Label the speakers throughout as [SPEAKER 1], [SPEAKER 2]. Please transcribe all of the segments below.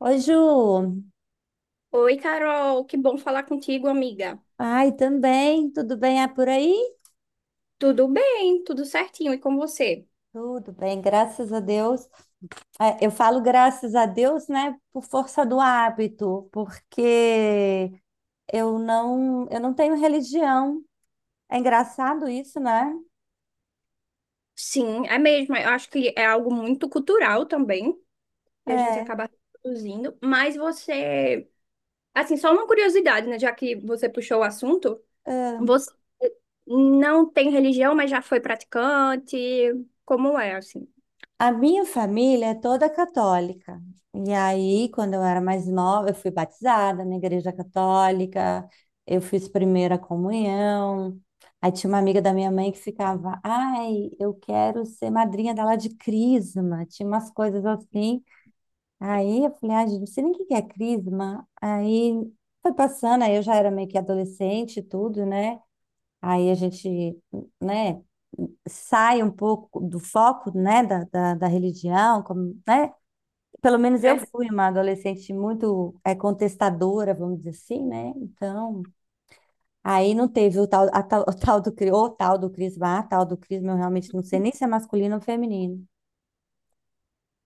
[SPEAKER 1] Oi, Ju.
[SPEAKER 2] Oi, Carol, que bom falar contigo, amiga.
[SPEAKER 1] Ai, também. Tudo bem por aí?
[SPEAKER 2] Tudo bem, tudo certinho, e com você?
[SPEAKER 1] Tudo bem, graças a Deus. Eu falo graças a Deus, né, por força do hábito, porque eu não tenho religião. É engraçado isso, né?
[SPEAKER 2] Sim, é mesmo. Eu acho que é algo muito cultural também, que a gente
[SPEAKER 1] É.
[SPEAKER 2] acaba reproduzindo. Mas você, assim, só uma curiosidade, né? Já que você puxou o assunto,
[SPEAKER 1] é,
[SPEAKER 2] você não tem religião, mas já foi praticante. Como é, assim?
[SPEAKER 1] A minha família é toda católica. E aí, quando eu era mais nova, eu fui batizada na igreja católica, eu fiz primeira comunhão. Aí tinha uma amiga da minha mãe que ficava, ai, eu quero ser madrinha dela de crisma. Tinha umas coisas assim. Aí eu falei, ai, gente, não sei nem o que que é crisma. Aí foi passando, aí eu já era meio que adolescente e tudo, né? Aí a gente, né, sai um pouco do foco, né, da religião, como, né? Pelo menos eu
[SPEAKER 2] Verdade.
[SPEAKER 1] fui uma adolescente muito contestadora, vamos dizer assim, né? Então, aí não teve o tal, a tal, o tal do crisma, a tal do crisma, eu realmente não sei nem se é masculino ou feminino.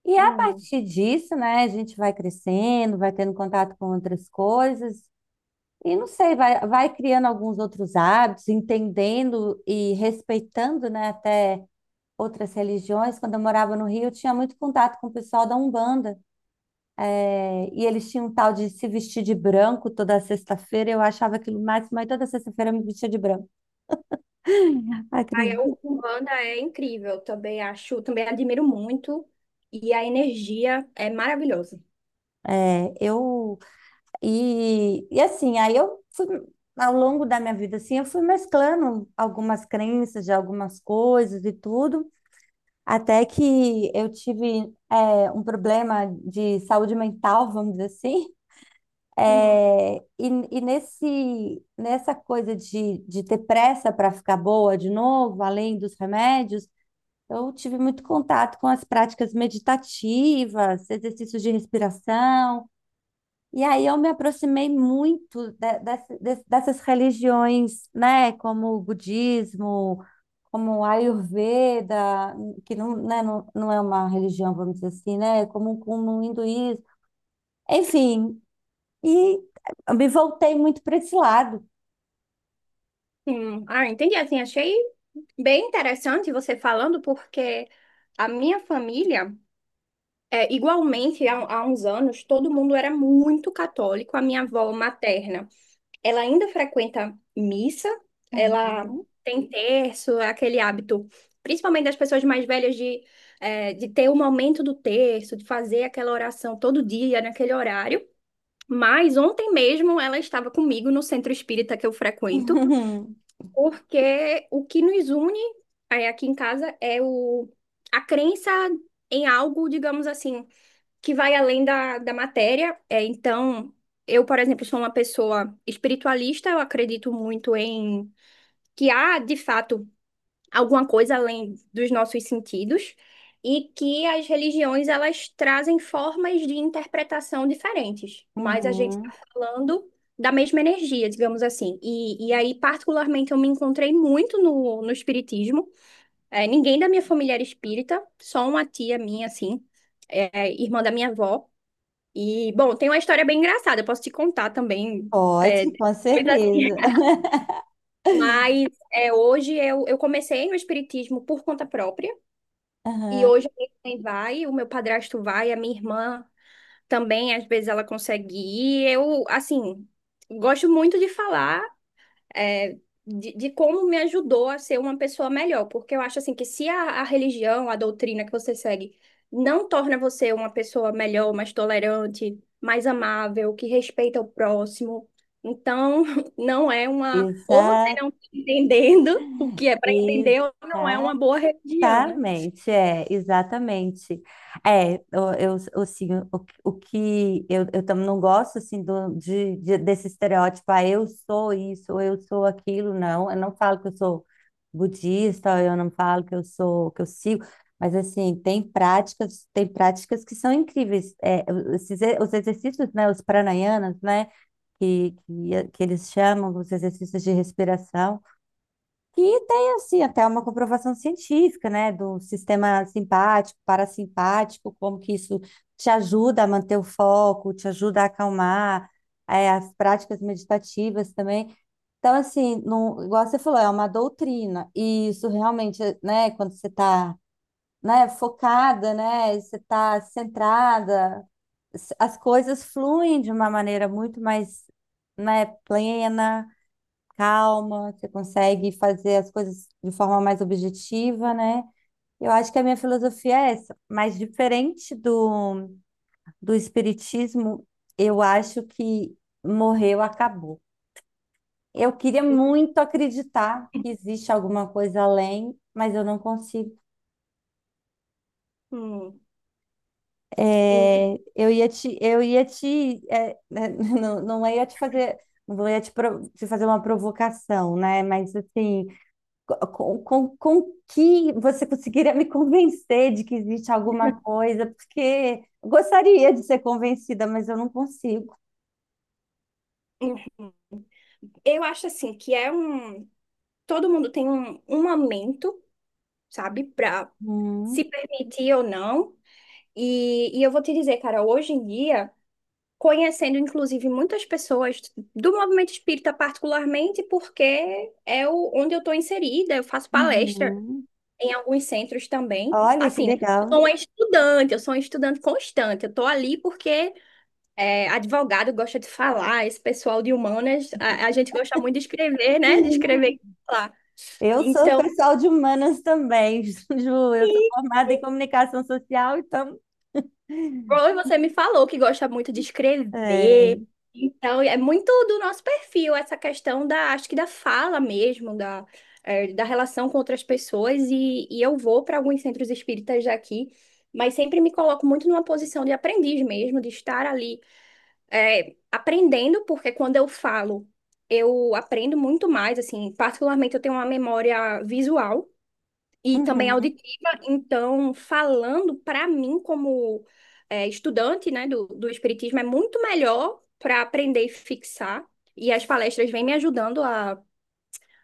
[SPEAKER 1] E a
[SPEAKER 2] Hum.
[SPEAKER 1] partir disso, né, a gente vai crescendo, vai tendo contato com outras coisas, e não sei, vai criando alguns outros hábitos, entendendo e respeitando, né, até outras religiões. Quando eu morava no Rio, eu tinha muito contato com o pessoal da Umbanda. E eles tinham um tal de se vestir de branco toda sexta-feira. Eu achava aquilo mais mas toda sexta-feira eu me vestia de branco.
[SPEAKER 2] Aí,
[SPEAKER 1] Acredito.
[SPEAKER 2] o Umbanda é incrível, também acho, também admiro muito. E a energia é maravilhosa.
[SPEAKER 1] Eu e assim, aí eu fui ao longo da minha vida assim, eu fui mesclando algumas crenças de algumas coisas e tudo, até que eu tive um problema de saúde mental, vamos dizer assim.
[SPEAKER 2] Hum,
[SPEAKER 1] É, e, e nessa coisa de ter pressa para ficar boa de novo, além dos remédios, eu tive muito contato com as práticas meditativas, exercícios de respiração, e aí eu me aproximei muito dessas religiões, né, como o budismo, como o Ayurveda, que não, né, não é uma religião, vamos dizer assim, né, como o hinduísmo, enfim. E eu me voltei muito para esse lado.
[SPEAKER 2] Ah, entendi. Assim, achei bem interessante você falando, porque a minha família, igualmente, há uns anos, todo mundo era muito católico. A minha avó materna, ela ainda frequenta missa, ela
[SPEAKER 1] Uhum.
[SPEAKER 2] tem terço, é aquele hábito, principalmente das pessoas mais velhas, de ter o momento do terço, de fazer aquela oração todo dia, naquele horário. Mas ontem mesmo ela estava comigo no centro espírita que eu frequento.
[SPEAKER 1] Uhum.
[SPEAKER 2] Porque o que nos une é, aqui em casa é a crença em algo, digamos assim, que vai além da matéria. É, então, eu, por exemplo, sou uma pessoa espiritualista, eu acredito muito em que há, de fato, alguma coisa além dos nossos sentidos e que as religiões elas trazem formas de interpretação diferentes, mas a gente está
[SPEAKER 1] Uhum.
[SPEAKER 2] falando da mesma energia, digamos assim. E aí, particularmente, eu me encontrei muito no espiritismo. É, ninguém da minha família era espírita, só uma tia minha, assim, é, irmã da minha avó. E, bom, tem uma história bem engraçada, eu posso te contar também. é,
[SPEAKER 1] Pode, com certeza.
[SPEAKER 2] mas Hoje eu comecei no espiritismo por conta própria. E
[SPEAKER 1] Aham.
[SPEAKER 2] hoje a minha mãe vai, o meu padrasto vai, a minha irmã também, às vezes ela consegue ir. Eu, assim, gosto muito de falar, é, de como me ajudou a ser uma pessoa melhor, porque eu acho, assim, que se a religião, a doutrina que você segue não torna você uma pessoa melhor, mais tolerante, mais amável, que respeita o próximo, então não é uma. Ou você
[SPEAKER 1] Exato,
[SPEAKER 2] não está entendendo o que é para entender, ou não é uma
[SPEAKER 1] exato.
[SPEAKER 2] boa religião, né?
[SPEAKER 1] Exatamente. É, assim, o que eu tam- não gosto, assim, desse estereótipo, ah, eu sou isso, ou eu sou aquilo, não. Eu não falo que eu sou budista, ou eu não falo que eu sou, que eu sigo, mas, assim, tem práticas que são incríveis. Esses e- os exercícios, né, os pranayanas, né, que eles chamam, os exercícios de respiração, que tem assim até uma comprovação científica, né, do sistema simpático, parasimpático, como que isso te ajuda a manter o foco, te ajuda a acalmar, as práticas meditativas também. Então, assim, não, igual você falou, é uma doutrina, e isso realmente, né, quando você está, né, focada, né, você está centrada, as coisas fluem de uma maneira muito mais, né, plena calma, você consegue fazer as coisas de forma mais objetiva, né? Eu acho que a minha filosofia é essa, mas diferente do espiritismo, eu acho que morreu, acabou. Eu queria muito acreditar que existe alguma coisa além, mas eu não consigo.
[SPEAKER 2] Hum.
[SPEAKER 1] É, eu ia te, é, né, não ia te fazer, não ia te, pro- te fazer uma provocação, né? Mas assim, com que você conseguiria me convencer de que existe alguma coisa, porque eu gostaria de ser convencida, mas eu não consigo.
[SPEAKER 2] Uhum. Eu acho assim que é um. Todo mundo tem um momento, sabe, pra
[SPEAKER 1] Uhum,
[SPEAKER 2] se permitir ou não. E eu vou te dizer, cara, hoje em dia, conhecendo inclusive muitas pessoas do movimento espírita, particularmente porque é o, onde eu tô inserida, eu faço palestra
[SPEAKER 1] uhum.
[SPEAKER 2] em alguns centros também.
[SPEAKER 1] Olha que
[SPEAKER 2] Assim, né? Eu sou
[SPEAKER 1] legal.
[SPEAKER 2] uma estudante, eu sou uma estudante constante, eu tô ali porque é, advogado gosta de falar, esse pessoal de humanas, a gente gosta muito de escrever, né? De escrever e falar.
[SPEAKER 1] Eu sou
[SPEAKER 2] Então,
[SPEAKER 1] pessoal de humanas também, Ju. Eu sou formada em comunicação social, então.
[SPEAKER 2] Roy, você me falou que gosta muito de
[SPEAKER 1] É.
[SPEAKER 2] escrever. Então, é muito do nosso perfil essa questão da, acho que da fala mesmo, da, é, da relação com outras pessoas. E eu vou para alguns centros espíritas daqui, mas sempre me coloco muito numa posição de aprendiz mesmo, de estar ali é, aprendendo, porque quando eu falo, eu aprendo muito mais, assim, particularmente eu tenho uma memória visual e também
[SPEAKER 1] Uhum.
[SPEAKER 2] auditiva, então falando para mim como é, estudante, né, do espiritismo é muito melhor para aprender e fixar, e as palestras vêm me ajudando a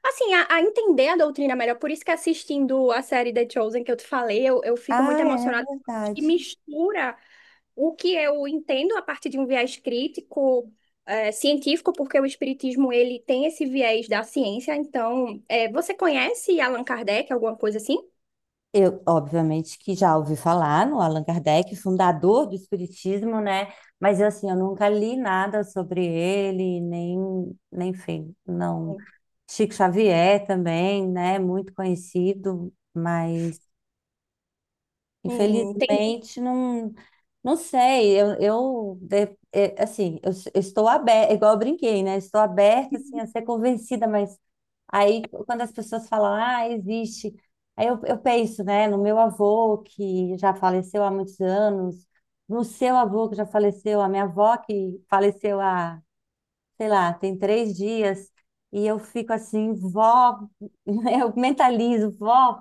[SPEAKER 2] Assim, a entender a doutrina melhor, por isso que assistindo a série The Chosen que eu te falei, eu fico
[SPEAKER 1] Ah,
[SPEAKER 2] muito
[SPEAKER 1] é
[SPEAKER 2] emocionada, que
[SPEAKER 1] verdade.
[SPEAKER 2] mistura o que eu entendo a partir de um viés crítico, científico, porque o espiritismo ele tem esse viés da ciência. Então, é você conhece Allan Kardec, alguma coisa assim?
[SPEAKER 1] Eu, obviamente, que já ouvi falar no Allan Kardec, fundador do Espiritismo, né? Mas eu, assim, eu nunca li nada sobre ele, nem, nem, enfim, não. Chico Xavier também, né? Muito conhecido, mas
[SPEAKER 2] Entendi.
[SPEAKER 1] infelizmente, não, não sei. Assim, eu estou aberta, igual eu brinquei, né? Estou aberta assim, a ser convencida, mas aí quando as pessoas falam, ah, existe, aí eu penso, né, no meu avô, que já faleceu há muitos anos, no seu avô, que já faleceu, a minha avó, que faleceu há, sei lá, tem três dias, e eu fico assim, vó, eu mentalizo, vó.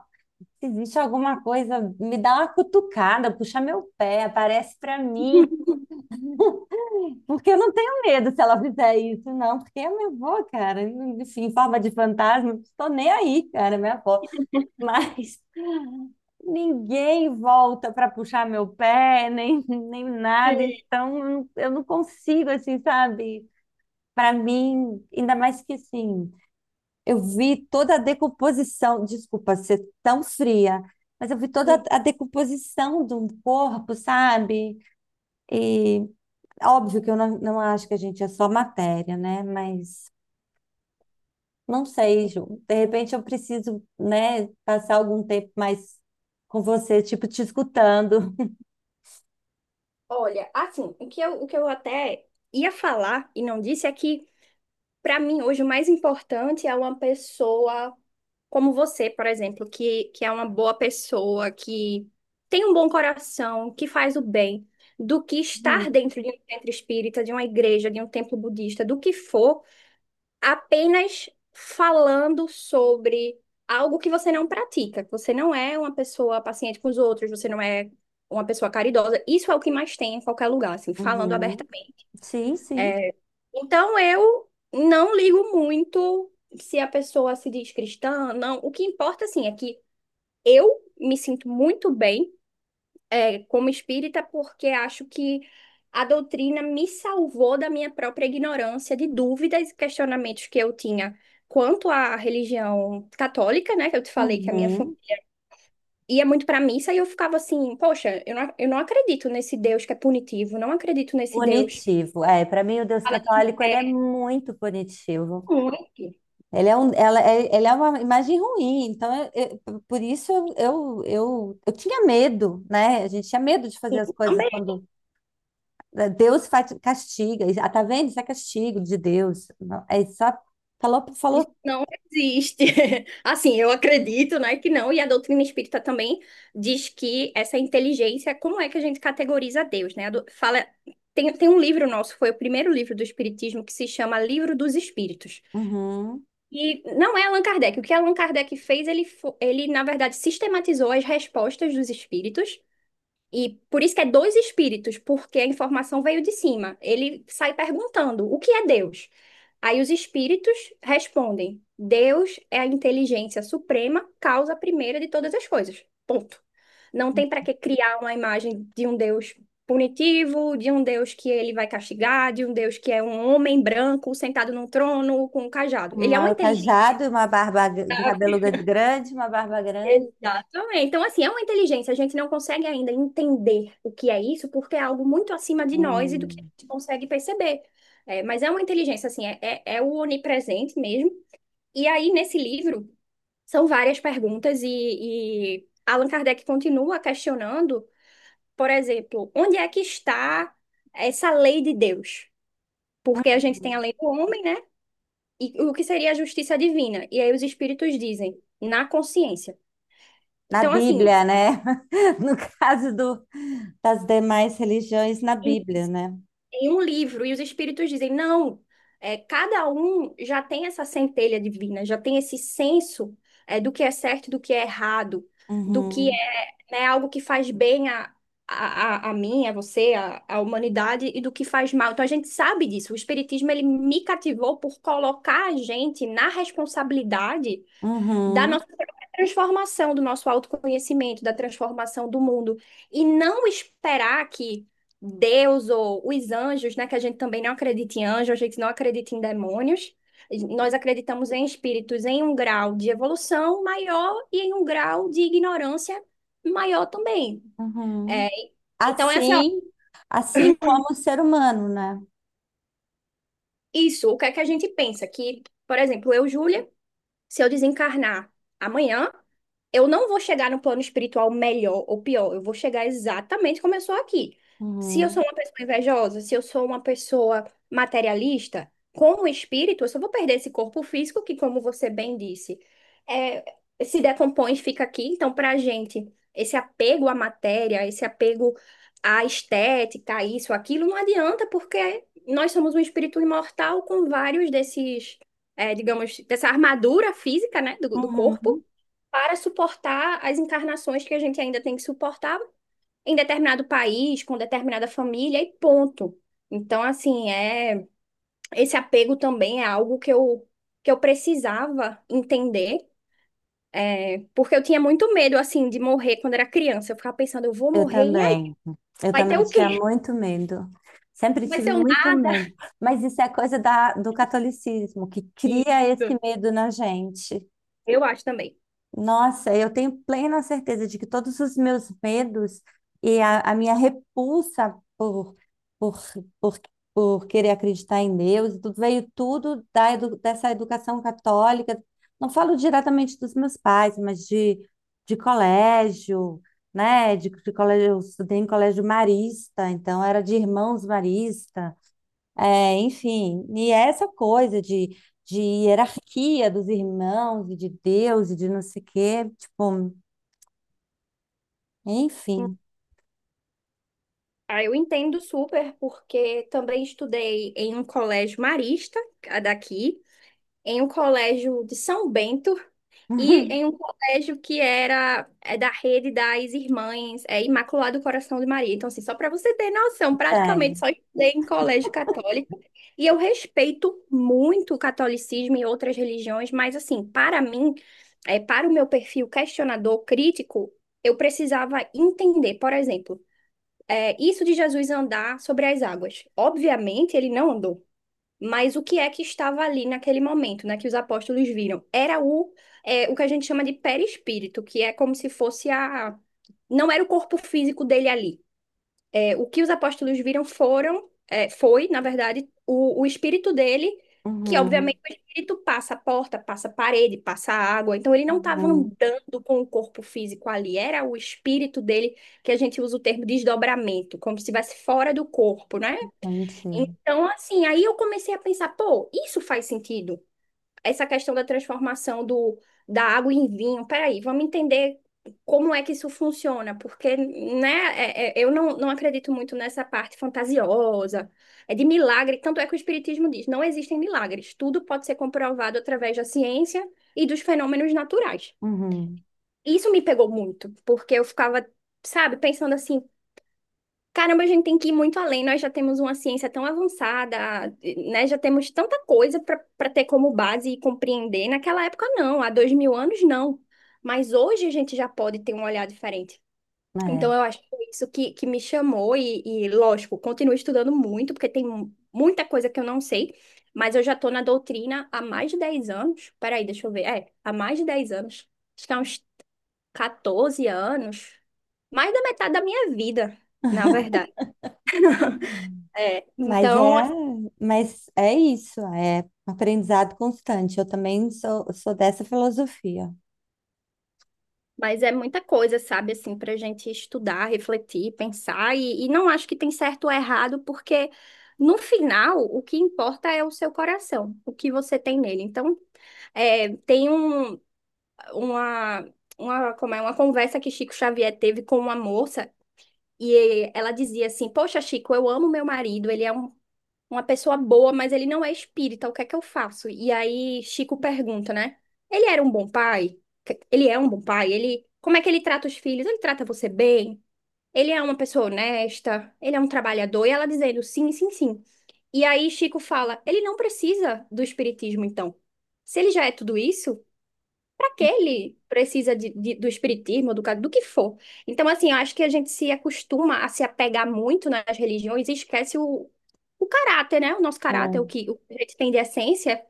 [SPEAKER 1] Se existe alguma coisa, me dá uma cutucada, puxa meu pé, aparece pra mim, porque eu não tenho medo se ela fizer isso, não, porque é minha avó, cara, enfim, em forma de fantasma, não tô nem aí, cara, é minha avó, mas ninguém volta pra puxar meu pé, nem nada, então eu não consigo, assim, sabe. Pra mim, ainda mais que, assim, eu vi toda a decomposição, desculpa ser tão fria, mas eu vi toda
[SPEAKER 2] Sim.
[SPEAKER 1] a decomposição de um corpo, sabe? E óbvio que eu não, não acho que a gente é só matéria, né? Mas não sei, Ju. De repente eu preciso, né, passar algum tempo mais com você, tipo, te escutando.
[SPEAKER 2] Olha, assim, o que o que eu até ia falar e não disse é que, para mim, hoje o mais importante é uma pessoa como você, por exemplo, que é uma boa pessoa, que tem um bom coração, que faz o bem, do que
[SPEAKER 1] Uhum.
[SPEAKER 2] estar dentro de um centro espírita, de uma igreja, de um templo budista, do que for, apenas falando sobre algo que você não pratica, que você não é uma pessoa paciente com os outros, você não é uma pessoa caridosa. Isso é o que mais tem em qualquer lugar, assim, falando
[SPEAKER 1] Uhum.
[SPEAKER 2] abertamente.
[SPEAKER 1] Sim, sim.
[SPEAKER 2] Então eu não ligo muito se a pessoa se diz cristã, não. O que importa, assim, é que eu me sinto muito bem, é, como espírita, porque acho que a doutrina me salvou da minha própria ignorância de dúvidas e questionamentos que eu tinha quanto à religião católica, né? Que eu te falei que a minha
[SPEAKER 1] Uhum.
[SPEAKER 2] família ia muito para missa e eu ficava assim, poxa, eu não acredito nesse Deus que é punitivo, não acredito nesse Deus. Que
[SPEAKER 1] Punitivo. É, para mim o Deus
[SPEAKER 2] fala que
[SPEAKER 1] católico ele é
[SPEAKER 2] é
[SPEAKER 1] muito punitivo.
[SPEAKER 2] único.
[SPEAKER 1] Ele é, um, ela, ele é uma imagem ruim, então por isso eu tinha medo, né? A gente tinha medo de fazer
[SPEAKER 2] Sim,
[SPEAKER 1] as coisas
[SPEAKER 2] também.
[SPEAKER 1] quando Deus faz, castiga. E, ah, tá vendo? Isso é castigo de Deus. Não, é só falou, falou,
[SPEAKER 2] Não existe. Assim, eu acredito, né, que não, e a doutrina espírita também diz que essa inteligência, como é que a gente categoriza Deus, né? A do- Fala, tem um livro nosso, foi o primeiro livro do Espiritismo, que se chama Livro dos Espíritos.
[SPEAKER 1] uhum,
[SPEAKER 2] E não é Allan Kardec. O que Allan Kardec fez, ele, ele, na verdade, sistematizou as respostas dos espíritos e por isso que é dois espíritos, porque a informação veio de cima. Ele sai perguntando: o que é Deus? Aí os espíritos respondem: Deus é a inteligência suprema, causa primeira de todas as coisas. Ponto. Não tem para que criar uma imagem de um Deus punitivo, de um Deus que ele vai castigar, de um Deus que é um homem branco sentado num trono com um cajado. Ele é uma
[SPEAKER 1] uma
[SPEAKER 2] inteligência.
[SPEAKER 1] cajado, uma barba, um cabelo grande, uma barba grande.
[SPEAKER 2] Exatamente. Então, assim, é uma inteligência. A gente não consegue ainda entender o que é isso, porque é algo muito acima de nós e do que a
[SPEAKER 1] Hum,
[SPEAKER 2] gente consegue perceber. É, mas é uma inteligência, assim, é o onipresente mesmo. E aí, nesse livro, são várias perguntas e Allan Kardec continua questionando, por exemplo, onde é que está essa lei de Deus? Porque a gente tem a
[SPEAKER 1] uhum.
[SPEAKER 2] lei do homem, né? E o que seria a justiça divina? E aí os espíritos dizem, na consciência.
[SPEAKER 1] Na
[SPEAKER 2] Então, assim.
[SPEAKER 1] Bíblia, né? No caso do, das demais religiões, na Bíblia, né?
[SPEAKER 2] Em um livro, e os espíritos dizem, não, é, cada um já tem essa centelha divina, já tem esse senso é, do que é certo, do que é errado, do que
[SPEAKER 1] Uhum,
[SPEAKER 2] é, né, algo que faz bem a a mim, a você, a humanidade, e do que faz mal. Então a gente sabe disso. O espiritismo, ele me cativou por colocar a gente na responsabilidade da
[SPEAKER 1] uhum,
[SPEAKER 2] nossa própria transformação, do nosso autoconhecimento, da transformação do mundo. E não esperar que Deus ou os anjos, né, que a gente também não acredita em anjos, a gente não acredita em demônios. Nós acreditamos em espíritos em um grau de evolução maior e em um grau de ignorância maior também. É,
[SPEAKER 1] uhum.
[SPEAKER 2] então, é assim, ó,
[SPEAKER 1] Assim, assim como o ser humano, né?
[SPEAKER 2] isso, o que é que a gente pensa? Que, por exemplo, eu, Júlia, se eu desencarnar amanhã, eu não vou chegar no plano espiritual melhor ou pior, eu vou chegar exatamente como eu sou aqui. Se eu sou
[SPEAKER 1] Uhum.
[SPEAKER 2] uma pessoa invejosa, se eu sou uma pessoa materialista, com o espírito, eu só vou perder esse corpo físico que, como você bem disse, é, se decompõe e fica aqui. Então, para a gente, esse apego à matéria, esse apego à estética, isso, aquilo, não adianta, porque nós somos um espírito imortal com vários desses é, digamos, dessa armadura física, né, do corpo,
[SPEAKER 1] Uhum.
[SPEAKER 2] para suportar as encarnações que a gente ainda tem que suportar em determinado país, com determinada família e ponto. Então, assim, é esse apego também é algo que eu precisava entender, é, porque eu tinha muito medo, assim, de morrer quando era criança. Eu ficava pensando, eu vou
[SPEAKER 1] Eu
[SPEAKER 2] morrer, e aí?
[SPEAKER 1] também. Eu
[SPEAKER 2] Vai ter
[SPEAKER 1] também
[SPEAKER 2] o
[SPEAKER 1] tinha
[SPEAKER 2] quê?
[SPEAKER 1] muito medo. Sempre
[SPEAKER 2] Vai
[SPEAKER 1] tive
[SPEAKER 2] ser um
[SPEAKER 1] muito
[SPEAKER 2] nada?
[SPEAKER 1] medo. Mas isso é coisa do catolicismo, que cria
[SPEAKER 2] Isso,
[SPEAKER 1] esse medo na gente.
[SPEAKER 2] eu acho também.
[SPEAKER 1] Nossa, eu tenho plena certeza de que todos os meus medos e a minha repulsa por, por, por querer acreditar em Deus, tudo veio tudo dessa educação católica. Não falo diretamente dos meus pais, mas de colégio, né? De colégio, eu estudei em colégio marista, então era de irmãos maristas. É, enfim, e essa coisa de hierarquia dos irmãos e de Deus e de não sei o quê, tipo, enfim.
[SPEAKER 2] Ah, eu entendo super, porque também estudei em um colégio marista, a daqui, em um colégio de São Bento e em um colégio que era é da rede das Irmãs é, Imaculado Coração de Maria. Então, assim, só para você ter noção, praticamente
[SPEAKER 1] Tem.
[SPEAKER 2] só estudei em colégio católico. E eu respeito muito o catolicismo e outras religiões, mas, assim, para mim, é, para o meu perfil questionador, crítico, eu precisava entender, por exemplo é, isso de Jesus andar sobre as águas. Obviamente, ele não andou. Mas o que é que estava ali naquele momento, né, que os apóstolos viram? Era é, o que a gente chama de perispírito, que é como se fosse a. Não era o corpo físico dele ali. É, o que os apóstolos viram foram, foi, na verdade, o espírito dele, que
[SPEAKER 1] Uhum,
[SPEAKER 2] obviamente o espírito passa a porta, passa a parede, passa a água. Então ele não estava
[SPEAKER 1] uhum,
[SPEAKER 2] andando com o corpo físico ali, era o espírito dele, que a gente usa o termo desdobramento, como se estivesse fora do corpo, né?
[SPEAKER 1] entendi.
[SPEAKER 2] Então, assim, aí eu comecei a pensar, pô, isso faz sentido essa questão da transformação da água em vinho. Peraí, vamos entender como é que isso funciona, porque, né, eu não acredito muito nessa parte fantasiosa, é de milagre, tanto é que o Espiritismo diz, não existem milagres, tudo pode ser comprovado através da ciência e dos fenômenos naturais.
[SPEAKER 1] Uhum,
[SPEAKER 2] Isso me pegou muito, porque eu ficava, sabe, pensando assim, caramba, a gente tem que ir muito além. Nós já temos uma ciência tão avançada, né? Já temos tanta coisa para ter como base e compreender. Naquela época, não. Há 2000 anos, não. Mas hoje a gente já pode ter um olhar diferente. Então,
[SPEAKER 1] é.
[SPEAKER 2] eu acho que foi isso que me chamou. E, lógico, continuo estudando muito, porque tem muita coisa que eu não sei. Mas eu já estou na doutrina há mais de 10 anos. Peraí, deixa eu ver. É, há mais de 10 anos. Acho que há uns 14 anos. Mais da metade da minha vida, na verdade. É,
[SPEAKER 1] Mas
[SPEAKER 2] então,
[SPEAKER 1] é, mas é isso, é aprendizado constante. Eu também sou dessa filosofia.
[SPEAKER 2] mas é muita coisa, sabe, assim, para a gente estudar, refletir, pensar, e não acho que tem certo ou errado, porque no final o que importa é o seu coração, o que você tem nele. Então, é, tem uma, uma, como é, uma conversa que Chico Xavier teve com uma moça, e ela dizia assim: Poxa, Chico, eu amo meu marido, ele é uma pessoa boa, mas ele não é espírita. O que é que eu faço? E aí Chico pergunta, né? Ele era um bom pai? Ele é um bom pai? Ele, como é que ele trata os filhos? Ele trata você bem? Ele é uma pessoa honesta? Ele é um trabalhador? E ela dizendo sim, sim, sim. E aí Chico fala, ele não precisa do espiritismo, então. Se ele já é tudo isso, para que ele precisa do espiritismo, do que for. Então, assim, eu acho que a gente se acostuma a se apegar muito nas religiões e esquece o caráter, né? O nosso caráter, o
[SPEAKER 1] Hum,
[SPEAKER 2] que, o que a gente tem de essência.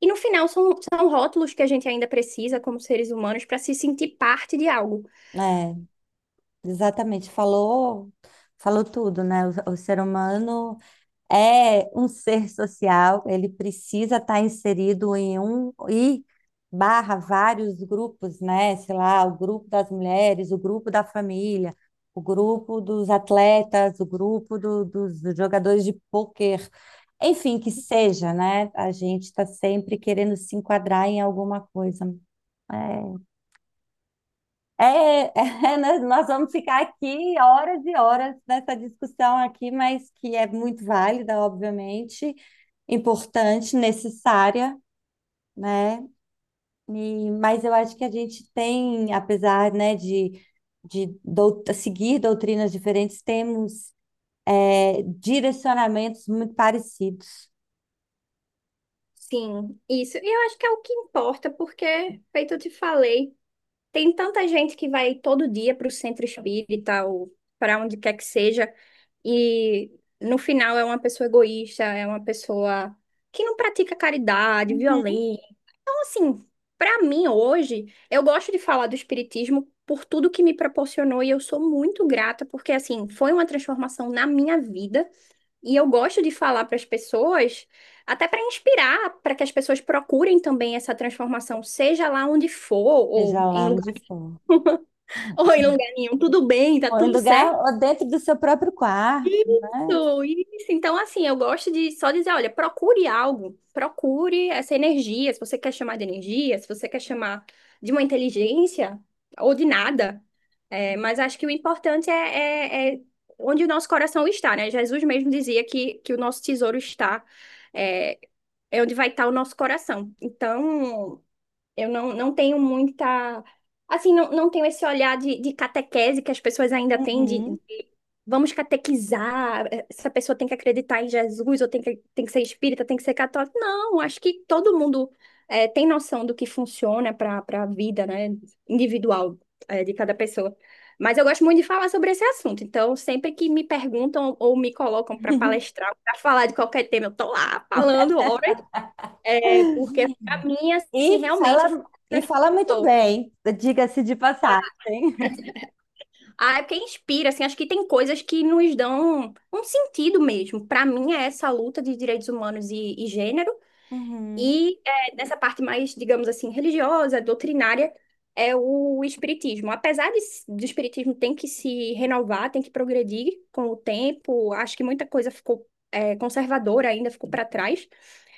[SPEAKER 2] E no final são rótulos que a gente ainda precisa como seres humanos para se sentir parte de algo.
[SPEAKER 1] É, exatamente. Falou, falou tudo, né? O ser humano é um ser social, ele precisa estar inserido em um e barra vários grupos, né? Sei lá, o grupo das mulheres, o grupo da família, o grupo dos atletas, o grupo dos jogadores de pôquer, enfim, que seja, né? A gente está sempre querendo se enquadrar em alguma coisa. É, é, é, nós vamos ficar aqui horas e horas nessa discussão aqui, mas que é muito válida, obviamente, importante, necessária, né? E, mas eu acho que a gente tem, apesar, né, seguir doutrinas diferentes, temos direcionamentos muito parecidos.
[SPEAKER 2] Sim, isso. E eu acho que é o que importa, porque, feito eu te falei, tem tanta gente que vai todo dia para o centro espírita ou para onde quer que seja. E no final é uma pessoa egoísta, é uma pessoa que não pratica caridade,
[SPEAKER 1] Uhum.
[SPEAKER 2] violência. Então, assim, pra mim hoje, eu gosto de falar do espiritismo por tudo que me proporcionou e eu sou muito grata porque assim, foi uma transformação na minha vida e eu gosto de falar para as pessoas, até para inspirar, para que as pessoas procurem também essa transformação, seja lá onde for
[SPEAKER 1] Seja
[SPEAKER 2] ou em
[SPEAKER 1] lá onde
[SPEAKER 2] lugar
[SPEAKER 1] for.
[SPEAKER 2] ou em lugar nenhum, tudo bem, tá
[SPEAKER 1] Ou em
[SPEAKER 2] tudo
[SPEAKER 1] lugar,
[SPEAKER 2] certo.
[SPEAKER 1] ou dentro do seu próprio quarto, né?
[SPEAKER 2] Isso, isso. Então, assim, eu gosto de só dizer, olha, procure algo, procure essa energia, se você quer chamar de energia, se você quer chamar de uma inteligência ou de nada. É, mas acho que o importante é onde o nosso coração está, né? Jesus mesmo dizia que o nosso tesouro está, é, é onde vai estar o nosso coração. Então, eu não tenho muita. Assim, não tenho esse olhar de catequese que as pessoas ainda têm, de,
[SPEAKER 1] Uhum.
[SPEAKER 2] de vamos catequizar, eh, essa pessoa tem que acreditar em Jesus, ou tem que ser espírita, tem que ser católico. Não, acho que todo mundo eh, tem noção do que funciona para a vida, né, individual eh, de cada pessoa. Mas eu gosto muito de falar sobre esse assunto, então sempre que me perguntam ou me colocam para palestrar, para falar de qualquer tema, eu tô lá falando horas. Porque pra mim, assim, realmente foi o que
[SPEAKER 1] E fala muito
[SPEAKER 2] transformou.
[SPEAKER 1] bem, diga-se de passagem.
[SPEAKER 2] Ah, é porque inspira, assim, acho que tem coisas que nos dão um sentido mesmo. Pra mim é essa luta de direitos humanos e gênero.
[SPEAKER 1] Uhum.
[SPEAKER 2] E é, nessa parte mais, digamos assim, religiosa, doutrinária, é o espiritismo. Apesar de, do espiritismo tem que se renovar, tem que progredir com o tempo, acho que muita coisa ficou é, conservadora ainda, ficou para trás.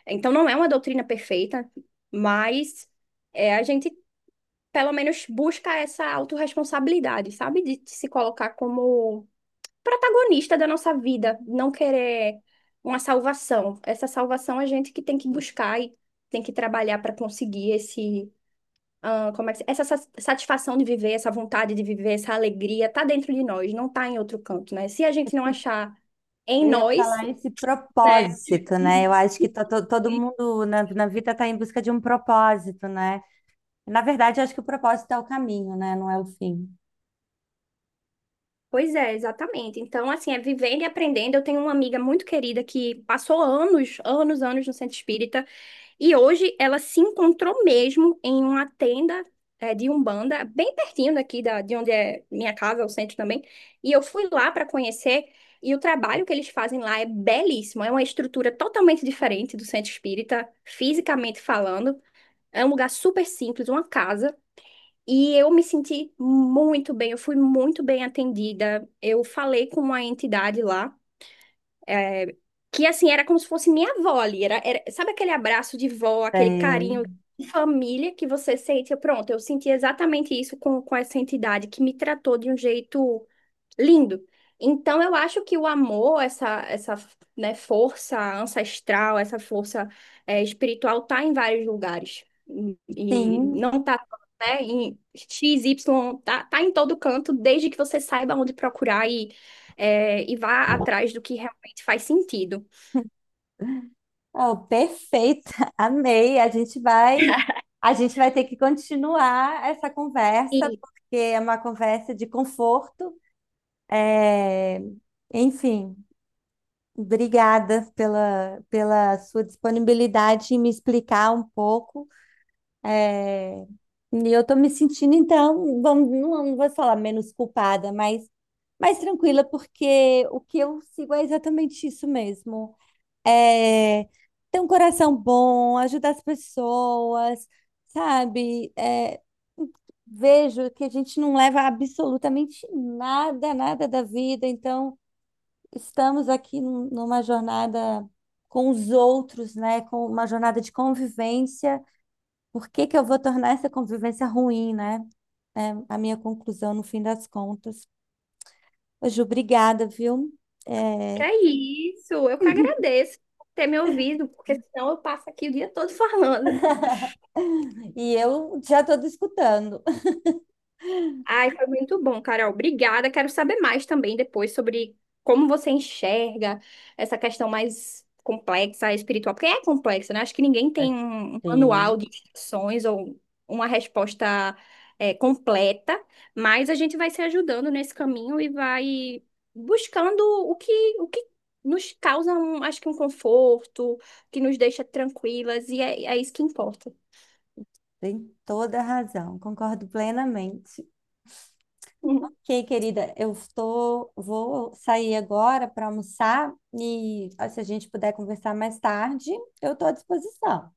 [SPEAKER 2] Então não é uma doutrina perfeita, mas é, a gente pelo menos busca essa autorresponsabilidade, sabe? De se colocar como protagonista da nossa vida, não querer uma salvação. Essa salvação a gente que tem que buscar e tem que trabalhar para conseguir esse, ah, como é que, essa satisfação de viver, essa vontade de viver, essa alegria, tá dentro de nós, não tá em outro canto, né? Se a gente não achar em
[SPEAKER 1] Eu ia
[SPEAKER 2] nós,
[SPEAKER 1] falar esse
[SPEAKER 2] né?
[SPEAKER 1] propósito, né? Eu acho que todo mundo na vida está em busca de um propósito, né? Na verdade, eu acho que o propósito é o caminho, né? Não é o fim.
[SPEAKER 2] Pois é, exatamente. Então, assim, é vivendo e aprendendo. Eu tenho uma amiga muito querida que passou anos, anos, anos no centro espírita. E hoje ela se encontrou mesmo em uma tenda é, de Umbanda, bem pertinho daqui da, de onde é minha casa, o centro também. E eu fui lá para conhecer, e o trabalho que eles fazem lá é belíssimo. É uma estrutura totalmente diferente do centro espírita, fisicamente falando. É um lugar super simples, uma casa. E eu me senti muito bem, eu fui muito bem atendida. Eu falei com uma entidade lá que assim, era como se fosse minha avó ali. Sabe aquele abraço de vó, aquele
[SPEAKER 1] É,
[SPEAKER 2] carinho de família que você sente? Eu, pronto, eu senti exatamente isso com essa entidade que me tratou de um jeito lindo. Então, eu acho que o amor, essa, né, força ancestral, essa força, eh, espiritual, tá em vários lugares. E
[SPEAKER 1] sim,
[SPEAKER 2] não tá, né, em X, Y, tá, tá em todo canto, desde que você saiba onde procurar e, eh, e vá atrás do que realmente faz sentido.
[SPEAKER 1] oh, perfeita, amei. A gente vai ter que continuar essa conversa,
[SPEAKER 2] E
[SPEAKER 1] porque é uma conversa de conforto. É, enfim, obrigada pela sua disponibilidade em me explicar um pouco. É, e eu estou me sentindo, então, vamos, não vou falar menos culpada, mas mais tranquila, porque o que eu sigo é exatamente isso mesmo. É, ter um coração bom, ajudar as pessoas, sabe? É, vejo que a gente não leva absolutamente nada, nada da vida, então estamos aqui numa jornada com os outros, né? Com uma jornada de convivência. Por que que eu vou tornar essa convivência ruim, né? É a minha conclusão no fim das contas. Ô, Ju, obrigada, viu?
[SPEAKER 2] que
[SPEAKER 1] É,
[SPEAKER 2] é isso, eu que agradeço por ter me ouvido, porque senão eu passo aqui o dia todo falando.
[SPEAKER 1] e eu já estou escutando.
[SPEAKER 2] Ai, foi muito bom, Carol. Obrigada. Quero saber mais também depois sobre como você enxerga essa questão mais complexa, espiritual, porque é complexa, né? Acho que ninguém tem um manual de
[SPEAKER 1] Sim.
[SPEAKER 2] instruções ou uma resposta é, completa, mas a gente vai se ajudando nesse caminho e vai buscando o que, o que nos causa, um, acho que um conforto, que nos deixa tranquilas, e é isso que importa.
[SPEAKER 1] Tem toda a razão, concordo plenamente.
[SPEAKER 2] Uhum.
[SPEAKER 1] Ok, querida, vou sair agora para almoçar e se a gente puder conversar mais tarde, eu estou à disposição.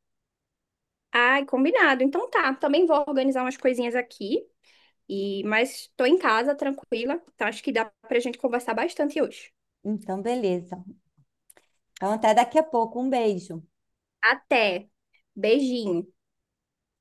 [SPEAKER 2] Ai, combinado. Então tá, também vou organizar umas coisinhas aqui. E, mas estou em casa, tranquila. Então acho que dá pra gente conversar bastante hoje.
[SPEAKER 1] Então, beleza. Então, até daqui a pouco. Um beijo.
[SPEAKER 2] Até. Beijinho.